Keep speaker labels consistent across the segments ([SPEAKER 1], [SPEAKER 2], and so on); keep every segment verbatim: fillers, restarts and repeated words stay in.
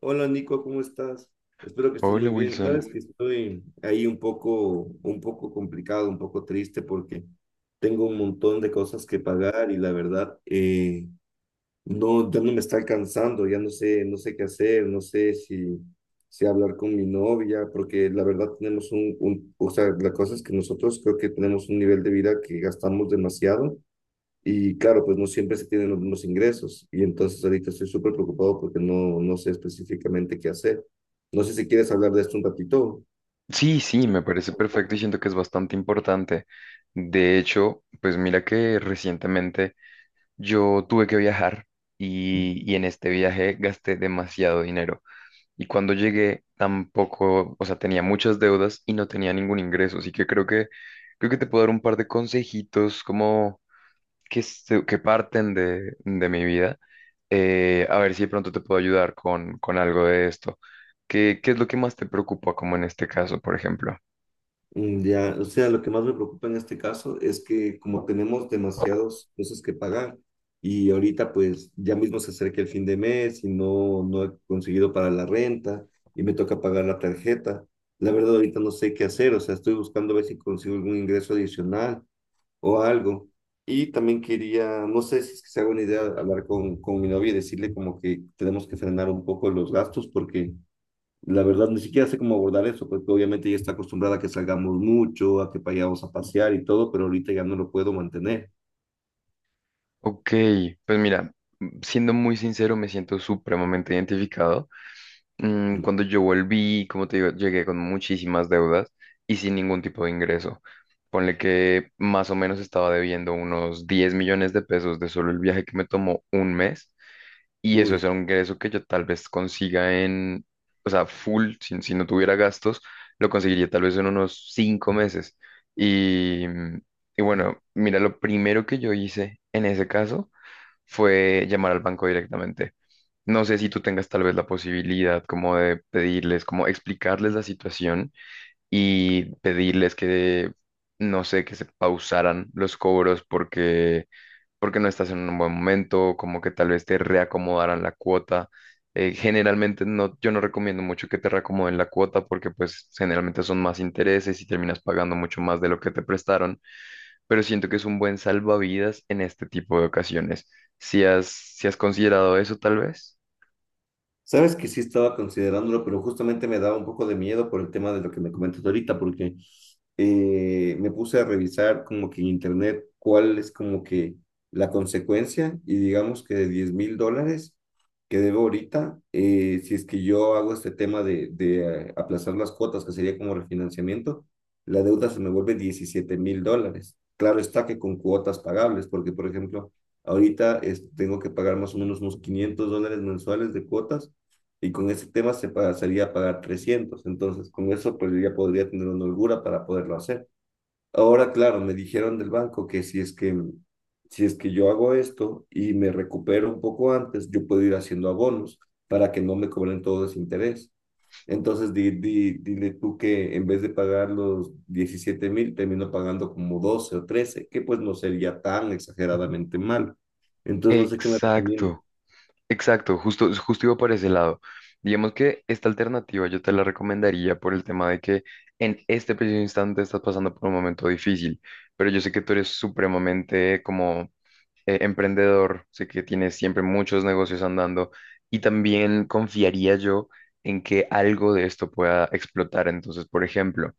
[SPEAKER 1] Hola Nico, ¿cómo estás? Espero que estés
[SPEAKER 2] Hola
[SPEAKER 1] muy bien.
[SPEAKER 2] Wilson.
[SPEAKER 1] Sabes que estoy ahí un poco, un poco complicado, un poco triste porque tengo un montón de cosas que pagar y la verdad eh, no, ya no me está alcanzando, ya no sé, no sé qué hacer, no sé si, si hablar con mi novia, porque la verdad tenemos un, un, o sea, la cosa es que nosotros creo que tenemos un nivel de vida que gastamos demasiado. Y claro, pues no siempre se tienen los mismos ingresos. Y entonces ahorita estoy súper preocupado porque no, no sé específicamente qué hacer. No sé si quieres hablar de esto un ratito.
[SPEAKER 2] Sí, sí, me parece perfecto y siento que es bastante importante. De hecho, pues mira que recientemente yo tuve que viajar y, y en este viaje gasté demasiado dinero. Y cuando llegué tampoco, o sea, tenía muchas deudas y no tenía ningún ingreso. Así que creo que creo que te puedo dar un par de consejitos como que, se- que parten de, de mi vida, eh, a ver si de pronto te puedo ayudar con, con algo de esto. ¿Qué, qué es lo que más te preocupa, como en este caso, por ejemplo?
[SPEAKER 1] Mm, ya, o sea, lo que más me preocupa en este caso es que como tenemos demasiadas cosas que pagar y ahorita pues ya mismo se acerca el fin de mes y no, no he conseguido para la renta y me toca pagar la tarjeta. La verdad ahorita no sé qué hacer, o sea, estoy buscando a ver si consigo algún ingreso adicional o algo. Y también quería, no sé si es que se haga una idea, hablar con, con mi novia y decirle como que tenemos que frenar un poco los gastos porque la verdad ni siquiera sé cómo abordar eso, porque obviamente ella está acostumbrada a que salgamos mucho, a que vayamos a pasear y todo, pero ahorita ya no lo puedo mantener.
[SPEAKER 2] Ok, pues mira, mm, siendo muy sincero, me siento supremamente identificado. Mm,
[SPEAKER 1] Mm.
[SPEAKER 2] cuando yo volví, como te digo, llegué con muchísimas deudas y sin ningún tipo de ingreso. Ponle que más o menos estaba debiendo unos diez millones de pesos de solo el viaje que me tomó un mes. Y eso es
[SPEAKER 1] Uy.
[SPEAKER 2] un ingreso que yo tal vez consiga en, o sea, full, si, si no tuviera gastos, lo conseguiría tal vez en unos cinco meses. Y, mm, y bueno, mira, lo primero que yo hice en ese caso fue llamar al banco directamente. No sé si tú tengas tal vez la posibilidad como de pedirles, como explicarles la situación y pedirles que, no sé, que se pausaran los cobros porque porque no estás en un buen momento, como que tal vez te reacomodarán la cuota. Eh, generalmente no, yo no recomiendo mucho que te reacomoden la cuota porque pues generalmente son más intereses y terminas pagando mucho más de lo que te prestaron, pero siento que es un buen salvavidas en este tipo de ocasiones. Si has, si has considerado eso tal vez.
[SPEAKER 1] Sabes que sí estaba considerándolo, pero justamente me daba un poco de miedo por el tema de lo que me comentas ahorita, porque eh, me puse a revisar como que en internet cuál es como que la consecuencia y digamos que de diez mil dólares que debo ahorita, eh, si es que yo hago este tema de, de eh, aplazar las cuotas, que sería como refinanciamiento, la deuda se me vuelve diecisiete mil dólares. Claro está que con cuotas pagables, porque por ejemplo, ahorita es- tengo que pagar más o menos unos quinientos dólares mensuales de cuotas y con ese tema se pasaría a pagar trescientos. Entonces, con eso pues ya podría tener una holgura para poderlo hacer. Ahora, claro, me dijeron del banco que si es que si es que yo hago esto y me recupero un poco antes, yo puedo ir haciendo abonos para que no me cobren todo ese interés. Entonces, di, di, dile tú que en vez de pagar los diecisiete mil, termino pagando como doce o trece que pues no sería tan exageradamente mal. Entonces, no sé qué me recomienda.
[SPEAKER 2] Exacto. Exacto, justo, justo iba por ese lado. Digamos que esta alternativa yo te la recomendaría por el tema de que en este preciso instante estás pasando por un momento difícil, pero yo sé que tú eres supremamente como, eh, emprendedor, sé que tienes siempre muchos negocios andando y también confiaría yo en que algo de esto pueda explotar. Entonces, por ejemplo,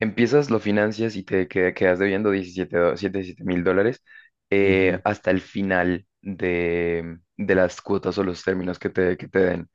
[SPEAKER 2] empiezas, lo financias y te queda- quedas debiendo diecisiete do- siete 7 mil dólares, eh,
[SPEAKER 1] Ujú,
[SPEAKER 2] hasta el final de, de las cuotas o los términos que te, que te den.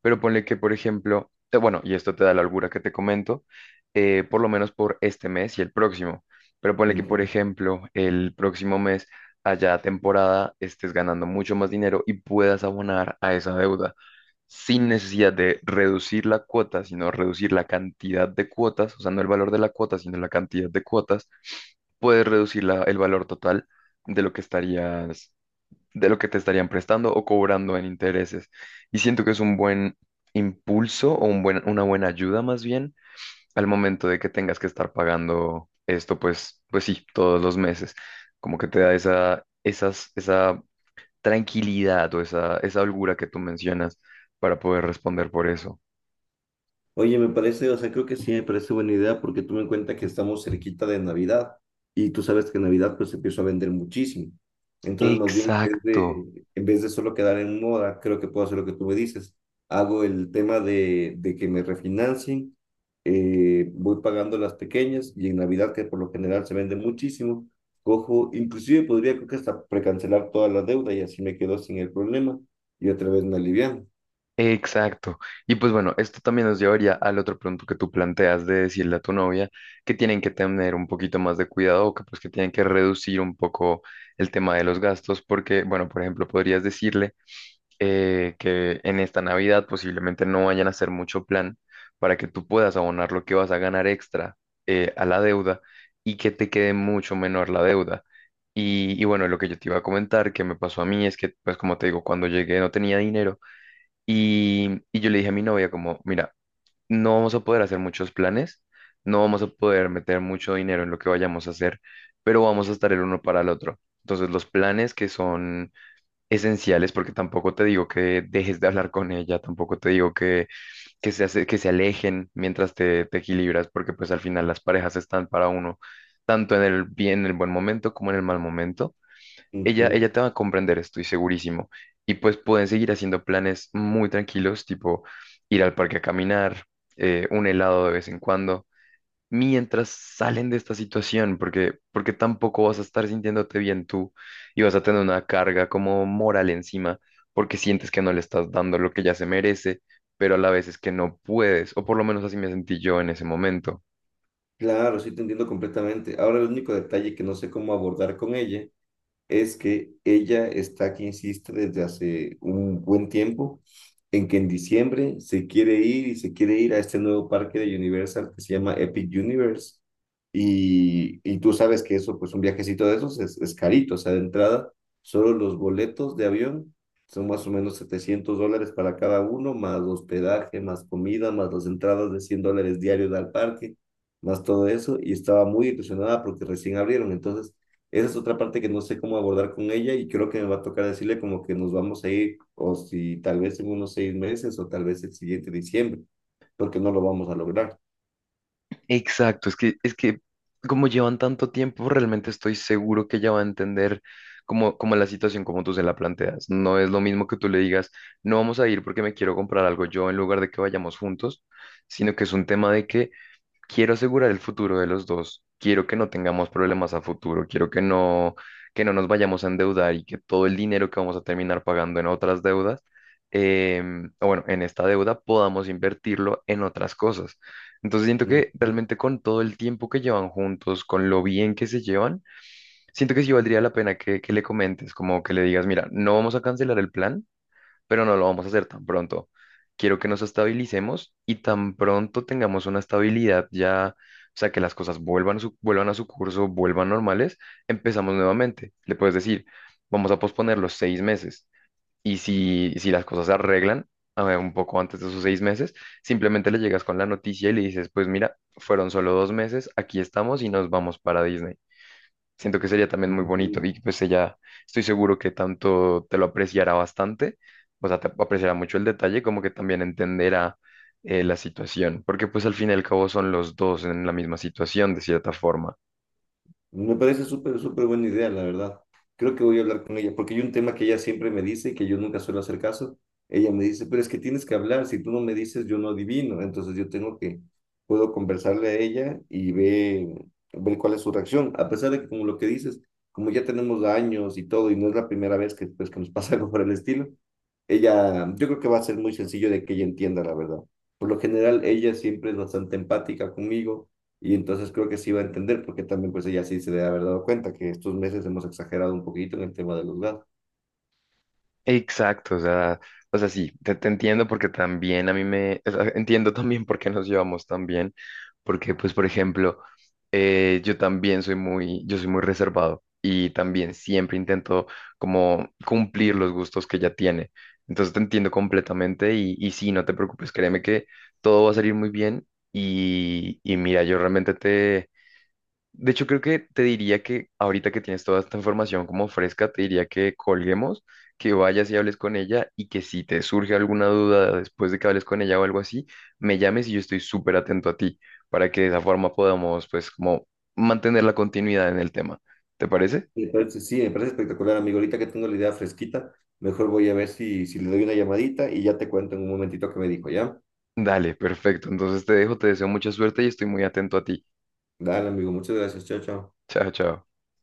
[SPEAKER 2] Pero ponle que, por ejemplo, te- bueno, y esto te da la holgura que te comento, eh, por lo menos por este mes y el próximo. Pero ponle que, por
[SPEAKER 1] ujú.
[SPEAKER 2] ejemplo, el próximo mes, allá temporada, estés ganando mucho más dinero y puedas abonar a esa deuda sin necesidad de reducir la cuota, sino reducir la cantidad de cuotas, o sea, no el valor de la cuota, sino la cantidad de cuotas, puedes reducir la- el valor total de lo que estarías, de lo que te estarían prestando o cobrando en intereses. Y siento que es un buen impulso o un buen, una buena ayuda más bien al momento de que tengas que estar pagando esto, pues, pues sí, todos los meses. Como que te da esa, esas, esa tranquilidad o esa, esa holgura que tú mencionas para poder responder por eso.
[SPEAKER 1] Oye, me parece, o sea, creo que sí, me parece buena idea porque tú en cuenta que estamos cerquita de Navidad y tú sabes que en Navidad pues se empieza a vender muchísimo. Entonces, más bien, en vez
[SPEAKER 2] Exacto,
[SPEAKER 1] de, en vez de solo quedar en moda, creo que puedo hacer lo que tú me dices. Hago el tema de, de que me refinancien, eh, voy pagando las pequeñas y en Navidad, que por lo general se vende muchísimo, cojo, inclusive podría creo que hasta precancelar toda la deuda y así me quedo sin el problema y otra vez me alivian.
[SPEAKER 2] exacto. Y pues bueno, esto también nos llevaría al otro punto que tú planteas de decirle a tu novia que tienen que tener un poquito más de cuidado o que pues que tienen que reducir un poco el tema de los gastos porque, bueno, por ejemplo, podrías decirle, eh, que en esta Navidad posiblemente no vayan a hacer mucho plan para que tú puedas abonar lo que vas a ganar extra, eh, a la deuda y que te quede mucho menor la deuda. Y, y bueno, lo que yo te iba a comentar que me pasó a mí es que, pues como te digo, cuando llegué no tenía dinero y, y yo le dije a mi novia como, mira, no vamos a poder hacer muchos planes, no vamos a poder meter mucho dinero en lo que vayamos a hacer, pero vamos a estar el uno para el otro. Entonces, los planes que son esenciales, porque tampoco te digo que dejes de hablar con ella, tampoco te digo que, que se, hace- que se alejen mientras te, te equilibras, porque pues al final las parejas están para uno, tanto en el bien, en el buen momento como en el mal momento. Ella, ella te va a comprender, estoy segurísimo. Y pues pueden seguir haciendo planes muy tranquilos, tipo ir al parque a caminar, eh, un helado de vez en cuando mientras salen de esta situación, porque, porque tampoco vas a estar sintiéndote bien tú y vas a tener una carga como moral encima, porque sientes que no le estás dando lo que ya se merece, pero a la vez es que no puedes, o por lo menos así me sentí yo en ese momento.
[SPEAKER 1] Claro, sí te entiendo completamente. Ahora el único detalle que no sé cómo abordar con ella es que ella está aquí insiste desde hace un buen tiempo en que en diciembre se quiere ir y se quiere ir a este nuevo parque de Universal que se llama Epic Universe. Y, y tú sabes que eso, pues un viajecito de esos es, es carito, o sea, de entrada, solo los boletos de avión son más o menos setecientos dólares para cada uno, más hospedaje, más comida, más las entradas de cien dólares diarios al parque, más todo eso. Y estaba muy ilusionada porque recién abrieron. Entonces, esa es otra parte que no sé cómo abordar con ella y creo que me va a tocar decirle como que nos vamos a ir o si tal vez en unos seis meses o tal vez el siguiente diciembre, porque no lo vamos a lograr.
[SPEAKER 2] Exacto, es que, es que como llevan tanto tiempo, realmente estoy seguro que ella va a entender. Como, como la situación como tú se la planteas. No es lo mismo que tú le digas, no vamos a ir porque me quiero comprar algo yo en lugar de que vayamos juntos, sino que es un tema de que quiero asegurar el futuro de los dos, quiero que no tengamos problemas a futuro, quiero que no, que no nos vayamos a endeudar y que todo el dinero que vamos a terminar pagando en otras deudas, em, o bueno, en esta deuda podamos invertirlo en otras cosas. Entonces siento
[SPEAKER 1] Ujú,
[SPEAKER 2] que realmente con todo el tiempo que llevan juntos, con lo bien que se llevan, siento que sí valdría la pena que, que le comentes, como que le digas, mira, no vamos a cancelar el plan pero no lo vamos a hacer tan pronto. Quiero que nos estabilicemos y tan pronto tengamos una estabilidad ya, o sea, que las cosas vuelvan, su- vuelvan a su curso, vuelvan normales, empezamos nuevamente. Le puedes decir, vamos a posponer los seis meses y si, si las cosas se arreglan, a ver, un poco antes de esos seis meses, simplemente le llegas con la noticia y le dices, pues mira, fueron solo dos meses, aquí estamos y nos vamos para Disney. Siento que sería también muy bonito
[SPEAKER 1] ujú.
[SPEAKER 2] y pues ella, estoy seguro que tanto te lo apreciará bastante, o sea, te apreciará mucho el detalle, como que también entenderá, eh, la situación, porque pues al fin y al cabo son los dos en la misma situación de cierta forma.
[SPEAKER 1] Me parece súper, súper buena idea, la verdad. Creo que voy a hablar con ella, porque hay un tema que ella siempre me dice y que yo nunca suelo hacer caso. Ella me dice, pero es que tienes que hablar, si tú no me dices, yo no adivino. Entonces yo tengo que, puedo conversarle a ella y ver, ver cuál es su reacción. A pesar de que, como lo que dices, como ya tenemos años y todo, y no es la primera vez que, pues, que nos pasa algo por el estilo, ella, yo creo que va a ser muy sencillo de que ella entienda la verdad. Por lo general, ella siempre es bastante empática conmigo y entonces creo que sí va a entender, porque también pues ella sí se debe haber dado cuenta que estos meses hemos exagerado un poquito en el tema de los gastos.
[SPEAKER 2] Exacto, o sea, o sea, sí, te, te entiendo porque también a mí me, o sea, entiendo también por qué nos llevamos tan bien, porque pues, por ejemplo, eh, yo también soy muy, yo soy muy reservado y también siempre intento como cumplir los gustos que ella tiene. Entonces te entiendo completamente y, y sí, no te preocupes, créeme que todo va a salir muy bien y, y mira, yo realmente te... De hecho, creo que te diría que ahorita que tienes toda esta información como fresca, te diría que colguemos, que vayas y hables con ella y que si te surge alguna duda después de que hables con ella o algo así, me llames y yo estoy súper atento a ti para que de esa forma podamos pues como mantener la continuidad en el tema. ¿Te parece?
[SPEAKER 1] Me parece, sí, me parece espectacular, amigo. Ahorita que tengo la idea fresquita, mejor voy a ver si, si le doy una llamadita y ya te cuento en un momentito qué me dijo, ¿ya?
[SPEAKER 2] Dale, perfecto. Entonces te dejo, te deseo mucha suerte y estoy muy atento a ti.
[SPEAKER 1] Dale, amigo, muchas gracias. Chao, chao.
[SPEAKER 2] Chao, chao.